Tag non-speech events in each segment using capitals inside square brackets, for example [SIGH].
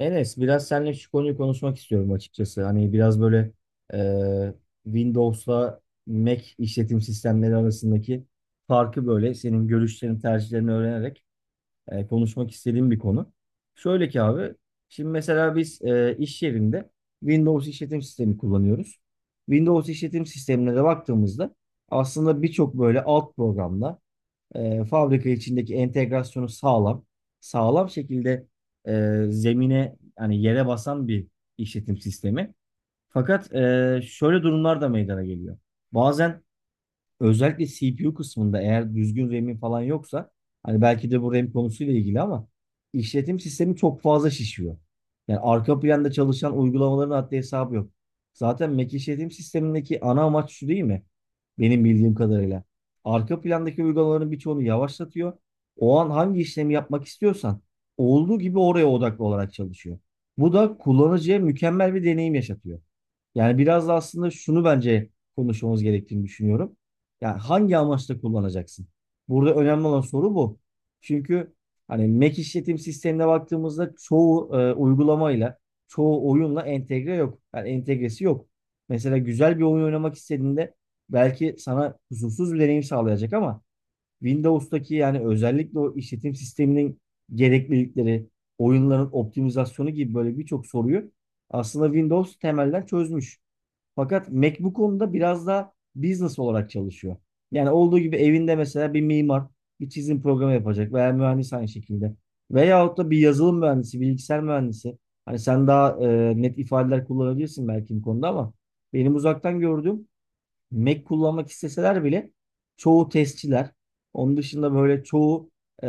Enes, biraz seninle şu konuyu konuşmak istiyorum açıkçası. Hani biraz böyle e, Windows'la Mac işletim sistemleri arasındaki farkı böyle senin görüşlerini, tercihlerini öğrenerek konuşmak istediğim bir konu. Şöyle ki abi, şimdi mesela biz iş yerinde Windows işletim sistemi kullanıyoruz. Windows işletim sistemine de baktığımızda aslında birçok böyle alt programla fabrika içindeki entegrasyonu sağlam şekilde zemine yani yere basan bir işletim sistemi. Fakat şöyle durumlar da meydana geliyor. Bazen özellikle CPU kısmında eğer düzgün RAM'in falan yoksa hani belki de bu RAM konusuyla ilgili ama işletim sistemi çok fazla şişiyor. Yani arka planda çalışan uygulamaların haddi hesabı yok. Zaten Mac işletim sistemindeki ana amaç şu değil mi? Benim bildiğim kadarıyla. Arka plandaki uygulamaların birçoğunu yavaşlatıyor. O an hangi işlemi yapmak istiyorsan olduğu gibi oraya odaklı olarak çalışıyor. Bu da kullanıcıya mükemmel bir deneyim yaşatıyor. Yani biraz da aslında şunu bence konuşmamız gerektiğini düşünüyorum. Yani hangi amaçla kullanacaksın? Burada önemli olan soru bu. Çünkü hani Mac işletim sistemine baktığımızda çoğu uygulamayla, çoğu oyunla entegre yok. Yani entegresi yok. Mesela güzel bir oyun oynamak istediğinde belki sana kusursuz bir deneyim sağlayacak ama Windows'taki yani özellikle o işletim sisteminin gereklilikleri, oyunların optimizasyonu gibi böyle birçok soruyu aslında Windows temelden çözmüş. Fakat Mac bu konuda biraz da business olarak çalışıyor. Yani olduğu gibi evinde mesela bir mimar bir çizim programı yapacak veya mühendis aynı şekilde. Veyahut da bir yazılım mühendisi, bilgisayar mühendisi. Hani sen daha net ifadeler kullanabilirsin belki bu konuda ama benim uzaktan gördüğüm Mac kullanmak isteseler bile çoğu testçiler, onun dışında böyle çoğu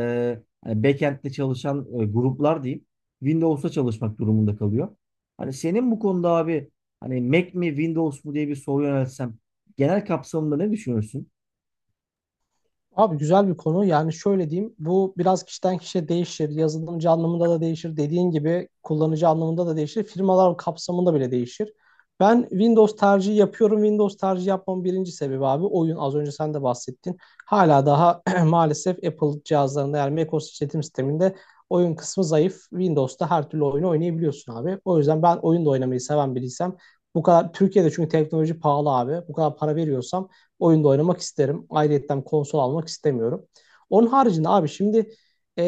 hani backend'de çalışan gruplar diyeyim, Windows'ta çalışmak durumunda kalıyor. Hani senin bu konuda abi hani Mac mi Windows mu diye bir soru yöneltsem genel kapsamında ne düşünürsün? Abi güzel bir konu. Yani şöyle diyeyim. Bu biraz kişiden kişiye değişir. Yazılımcı anlamında da değişir. Dediğin gibi kullanıcı anlamında da değişir. Firmalar kapsamında bile değişir. Ben Windows tercihi yapıyorum. Windows tercihi yapmamın birinci sebebi abi oyun. Az önce sen de bahsettin. Hala daha [CLEARS THROAT] maalesef Apple cihazlarında yani macOS işletim sisteminde oyun kısmı zayıf. Windows'ta her türlü oyunu oynayabiliyorsun abi. O yüzden ben oyun da oynamayı seven biriysem bu kadar Türkiye'de çünkü teknoloji pahalı abi. Bu kadar para veriyorsam oyunda oynamak isterim. Ayrıyetten konsol almak istemiyorum. Onun haricinde abi şimdi e,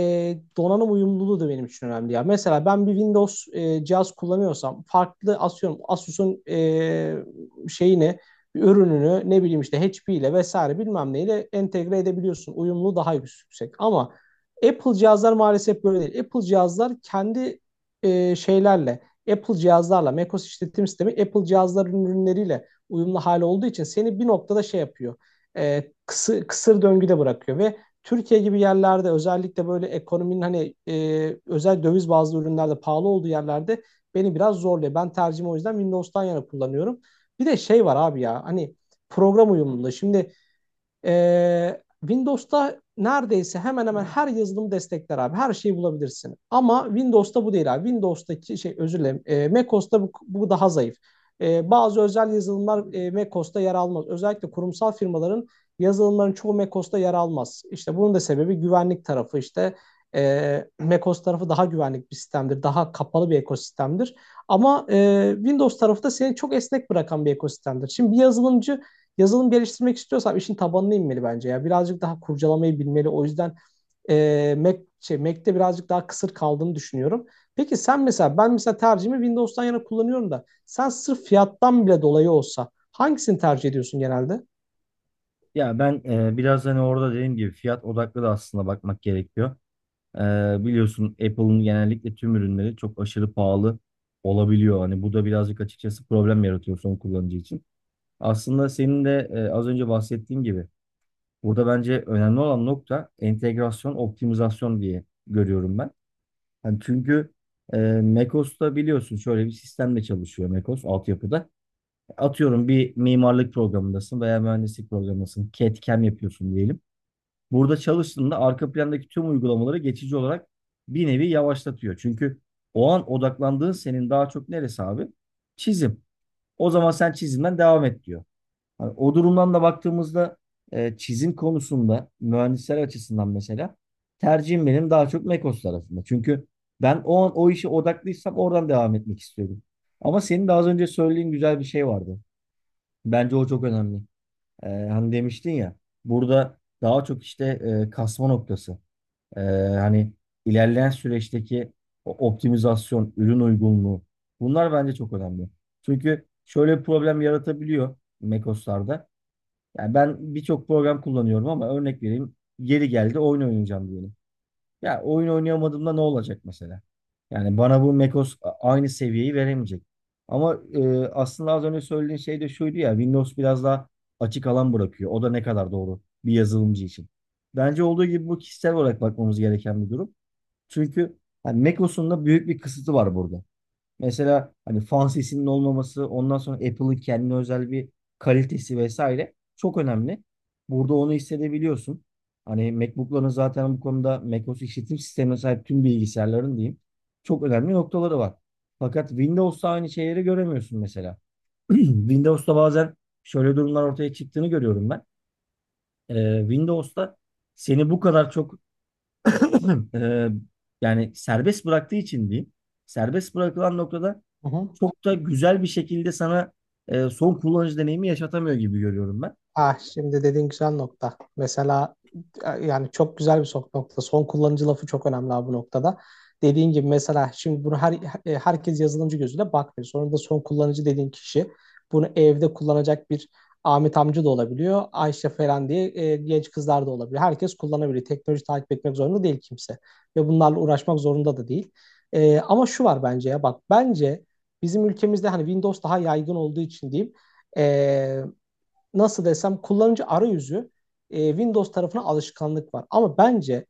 donanım uyumluluğu da benim için önemli ya. Mesela ben bir Windows cihaz kullanıyorsam farklı asıyorum Asus'un şeyini bir ürününü ne bileyim işte HP ile vesaire bilmem neyle entegre edebiliyorsun. Uyumluluğu daha yüksek ama Apple cihazlar maalesef böyle değil. Apple cihazlar kendi şeylerle Apple cihazlarla macOS işletim sistemi Apple cihazların ürünleriyle uyumlu hali olduğu için seni bir noktada şey yapıyor. Kısır döngüde bırakıyor ve Türkiye gibi yerlerde özellikle böyle ekonominin hani özel döviz bazlı ürünlerde pahalı olduğu yerlerde beni biraz zorluyor. Ben tercihimi o yüzden Windows'tan yana kullanıyorum. Bir de şey var abi ya hani program uyumluluğu. Şimdi Windows'ta neredeyse hemen hemen her yazılım destekler abi. Her şeyi bulabilirsin. Ama Windows'ta bu değil abi. Windows'taki şey özür dilerim. macOS'ta bu daha zayıf. Bazı özel yazılımlar macOS'ta yer almaz. Özellikle kurumsal firmaların yazılımların çoğu macOS'ta yer almaz. İşte bunun da sebebi güvenlik tarafı işte. macOS tarafı daha güvenlik bir sistemdir. Daha kapalı bir ekosistemdir. Ama Windows tarafı da seni çok esnek bırakan bir ekosistemdir. Şimdi bir yazılımcı yazılım geliştirmek istiyorsam işin tabanına inmeli bence ya. Birazcık daha kurcalamayı bilmeli. O yüzden Mac'te birazcık daha kısır kaldığını düşünüyorum. Peki sen mesela ben mesela tercihimi Windows'tan yana kullanıyorum da sen sırf fiyattan bile dolayı olsa hangisini tercih ediyorsun genelde? Ya ben biraz hani orada dediğim gibi fiyat odaklı da aslında bakmak gerekiyor. E, biliyorsun Apple'ın genellikle tüm ürünleri çok aşırı pahalı olabiliyor. Hani bu da birazcık açıkçası problem yaratıyor son kullanıcı için. Aslında senin de az önce bahsettiğin gibi burada bence önemli olan nokta entegrasyon, optimizasyon diye görüyorum ben. Hani çünkü Mekos'ta biliyorsun şöyle bir sistemle çalışıyor Mekos altyapıda. Atıyorum bir mimarlık programındasın veya mühendislik programındasın. CAD/CAM yapıyorsun diyelim. Burada çalıştığında arka plandaki tüm uygulamaları geçici olarak bir nevi yavaşlatıyor. Çünkü o an odaklandığın senin daha çok neresi abi? Çizim. O zaman sen çizimden devam et diyor. Hani o durumdan da baktığımızda çizim konusunda mühendisler açısından mesela tercihim benim daha çok Mekos tarafında. Çünkü ben o an o işe odaklıysam oradan devam etmek istiyorum. Ama senin de az önce söylediğin güzel bir şey vardı. Bence o çok önemli. Hani demiştin ya burada daha çok işte kasma noktası. E, hani ilerleyen süreçteki o optimizasyon, ürün uygunluğu bunlar bence çok önemli. Çünkü şöyle bir problem yaratabiliyor Mekos'larda. Yani ben birçok program kullanıyorum ama örnek vereyim. Yeri geldi oyun oynayacağım diyelim. Ya oyun oynayamadığımda ne olacak mesela? Yani bana bu macOS aynı seviyeyi veremeyecek. Ama aslında az önce söylediğin şey de şuydu ya Windows biraz daha açık alan bırakıyor. O da ne kadar doğru bir yazılımcı için. Bence olduğu gibi bu kişisel olarak bakmamız gereken bir durum. Çünkü hani macOS'un da büyük bir kısıtı var burada. Mesela hani fan sesinin olmaması, ondan sonra Apple'ın kendine özel bir kalitesi vesaire çok önemli. Burada onu hissedebiliyorsun. Hani MacBook'ların zaten bu konuda macOS işletim sistemine sahip tüm bilgisayarların diyeyim çok önemli noktaları var. Fakat Windows'ta aynı şeyleri göremiyorsun mesela. [CLEARS THROAT] Windows'ta bazen şöyle durumlar ortaya çıktığını görüyorum ben. Windows'ta seni bu kadar çok [CLEARS THROAT] Ee, yani serbest bıraktığı için diyeyim. Serbest bırakılan noktada Hı hı. çok da güzel bir şekilde sana son kullanıcı deneyimi yaşatamıyor gibi görüyorum ben. Ah şimdi dediğin güzel nokta. Mesela yani çok güzel bir sok nokta. Son kullanıcı lafı çok önemli abi bu noktada. Dediğin gibi mesela şimdi bunu herkes yazılımcı gözüyle bakmıyor. Sonra da son kullanıcı dediğin kişi bunu evde kullanacak bir Ahmet amca da olabiliyor. Ayşe falan diye genç kızlar da olabiliyor. Herkes kullanabiliyor. Teknoloji takip etmek zorunda değil kimse. Ve bunlarla uğraşmak zorunda da değil. Ama şu var bence ya bak bence bizim ülkemizde hani Windows daha yaygın olduğu için diyeyim. E, Nasıl desem kullanıcı arayüzü Windows tarafına alışkanlık var. Ama bence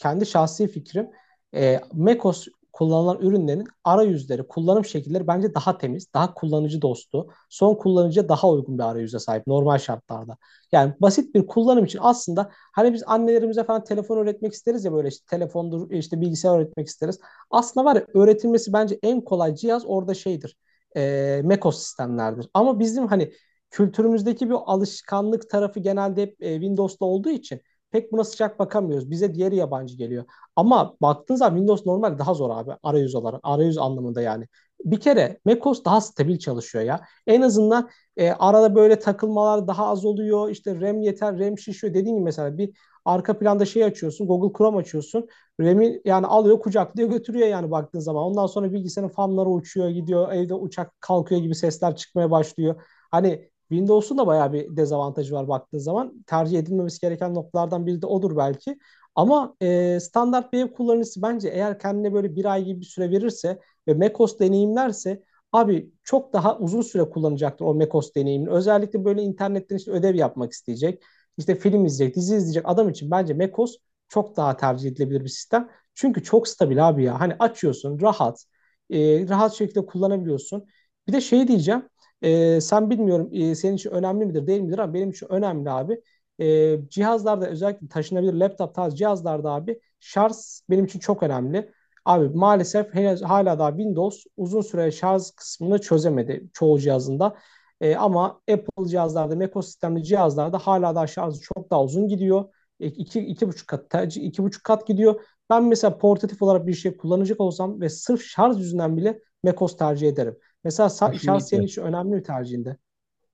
kendi şahsi fikrim macOS kullanılan ürünlerin arayüzleri, kullanım şekilleri bence daha temiz, daha kullanıcı dostu, son kullanıcıya daha uygun bir arayüze sahip normal şartlarda. Yani basit bir kullanım için aslında hani biz annelerimize falan telefon öğretmek isteriz ya böyle işte telefondur, işte bilgisayar öğretmek isteriz. Aslında var ya öğretilmesi bence en kolay cihaz orada şeydir. macOS sistemlerdir. Ama bizim hani kültürümüzdeki bir alışkanlık tarafı genelde hep Windows'ta olduğu için pek buna sıcak bakamıyoruz. Bize diğeri yabancı geliyor. Ama baktığın zaman Windows normal daha zor abi arayüz olarak, arayüz anlamında yani. Bir kere macOS daha stabil çalışıyor ya. En azından arada böyle takılmalar daha az oluyor. İşte RAM yeter, RAM şişiyor. Dediğim gibi mesela bir arka planda şey açıyorsun, Google Chrome açıyorsun. RAM'i yani alıyor, kucaklıyor, götürüyor yani baktığın zaman. Ondan sonra bilgisayarın fanları uçuyor, gidiyor. Evde uçak kalkıyor gibi sesler çıkmaya başlıyor. Hani Windows'un da bayağı bir dezavantajı var baktığın zaman. Tercih edilmemesi gereken noktalardan biri de odur belki. Ama standart bir ev kullanıcısı bence eğer kendine böyle bir ay gibi bir süre verirse ve macOS deneyimlerse abi çok daha uzun süre kullanacaktır o macOS deneyimini. Özellikle böyle internetten işte ödev yapmak isteyecek, işte film izleyecek, dizi izleyecek adam için bence macOS çok daha tercih edilebilir bir sistem. Çünkü çok stabil abi ya. Hani açıyorsun rahat, rahat şekilde kullanabiliyorsun. Bir de şey diyeceğim. Sen bilmiyorum senin için önemli midir değil midir ama benim için önemli abi. Cihazlarda özellikle taşınabilir laptop tarzı cihazlarda abi şarj benim için çok önemli. Abi maalesef henüz hala daha Windows uzun süre şarj kısmını çözemedi çoğu cihazında. Ama Apple cihazlarda, macOS sistemli cihazlarda hala daha şarjı çok daha uzun gidiyor. İki buçuk kat, iki buçuk kat gidiyor. Ben mesela portatif olarak bir şey kullanacak olsam ve sırf şarj yüzünden bile macOS tercih ederim. Mesela şans senin Kesinlikle. için önemli bir tercihinde.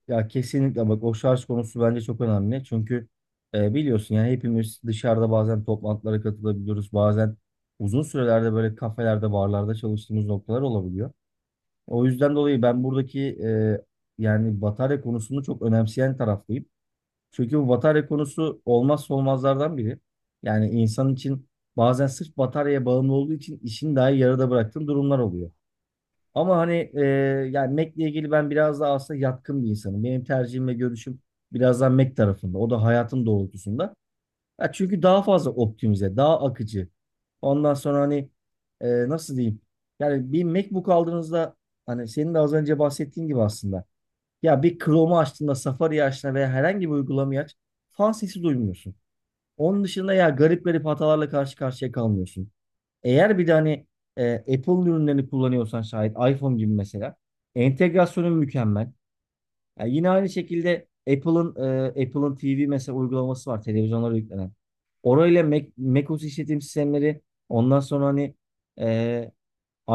Ya kesinlikle bak o şarj konusu bence çok önemli. Çünkü biliyorsun yani hepimiz dışarıda bazen toplantılara katılabiliyoruz. Bazen uzun sürelerde böyle kafelerde, barlarda çalıştığımız noktalar olabiliyor. O yüzden dolayı ben buradaki yani batarya konusunu çok önemseyen taraftayım. Çünkü bu batarya konusu olmazsa olmazlardan biri. Yani insan için bazen sırf bataryaya bağımlı olduğu için işini dahi yarıda bıraktığın durumlar oluyor. Ama hani yani Mac'le ilgili ben biraz daha aslında yatkın bir insanım. Benim tercihim ve görüşüm biraz daha Mac tarafında. O da hayatın doğrultusunda. Ya çünkü daha fazla optimize, daha akıcı. Ondan sonra hani nasıl diyeyim? Yani bir MacBook aldığınızda hani senin de az önce bahsettiğin gibi aslında. Ya bir Chrome'u açtığında, Safari'yi açtığında veya herhangi bir uygulamayı aç, fan sesi duymuyorsun. Onun dışında ya garip garip hatalarla karşı karşıya kalmıyorsun. Eğer bir de hani Apple ürünlerini kullanıyorsan şayet iPhone gibi mesela entegrasyonu mükemmel. Yani yine aynı şekilde Apple'ın TV mesela uygulaması var televizyonlara yüklenen. Orayla Mac, macOS işletim sistemleri ondan sonra hani e,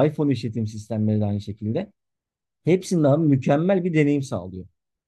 iPhone işletim sistemleri de aynı şekilde. Hepsinde abi mükemmel bir deneyim sağlıyor.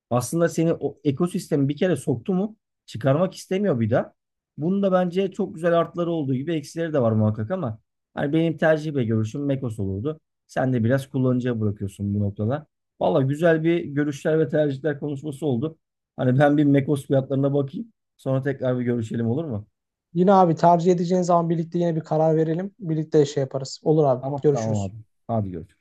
Aslında seni o ekosistemi bir kere soktu mu çıkarmak istemiyor bir daha. Bunun da bence çok güzel artları olduğu gibi eksileri de var muhakkak ama hani benim tercih ve görüşüm Mekos olurdu. Sen de biraz kullanıcıya bırakıyorsun bu noktada. Valla güzel bir görüşler ve tercihler konuşması oldu. Hani ben bir Mekos fiyatlarına bakayım. Sonra tekrar bir görüşelim olur mu? Yine abi tercih edeceğin zaman birlikte yine bir karar verelim. Birlikte şey yaparız. Olur abi. Tamam tamam Görüşürüz. abi. Hadi görüşürüz.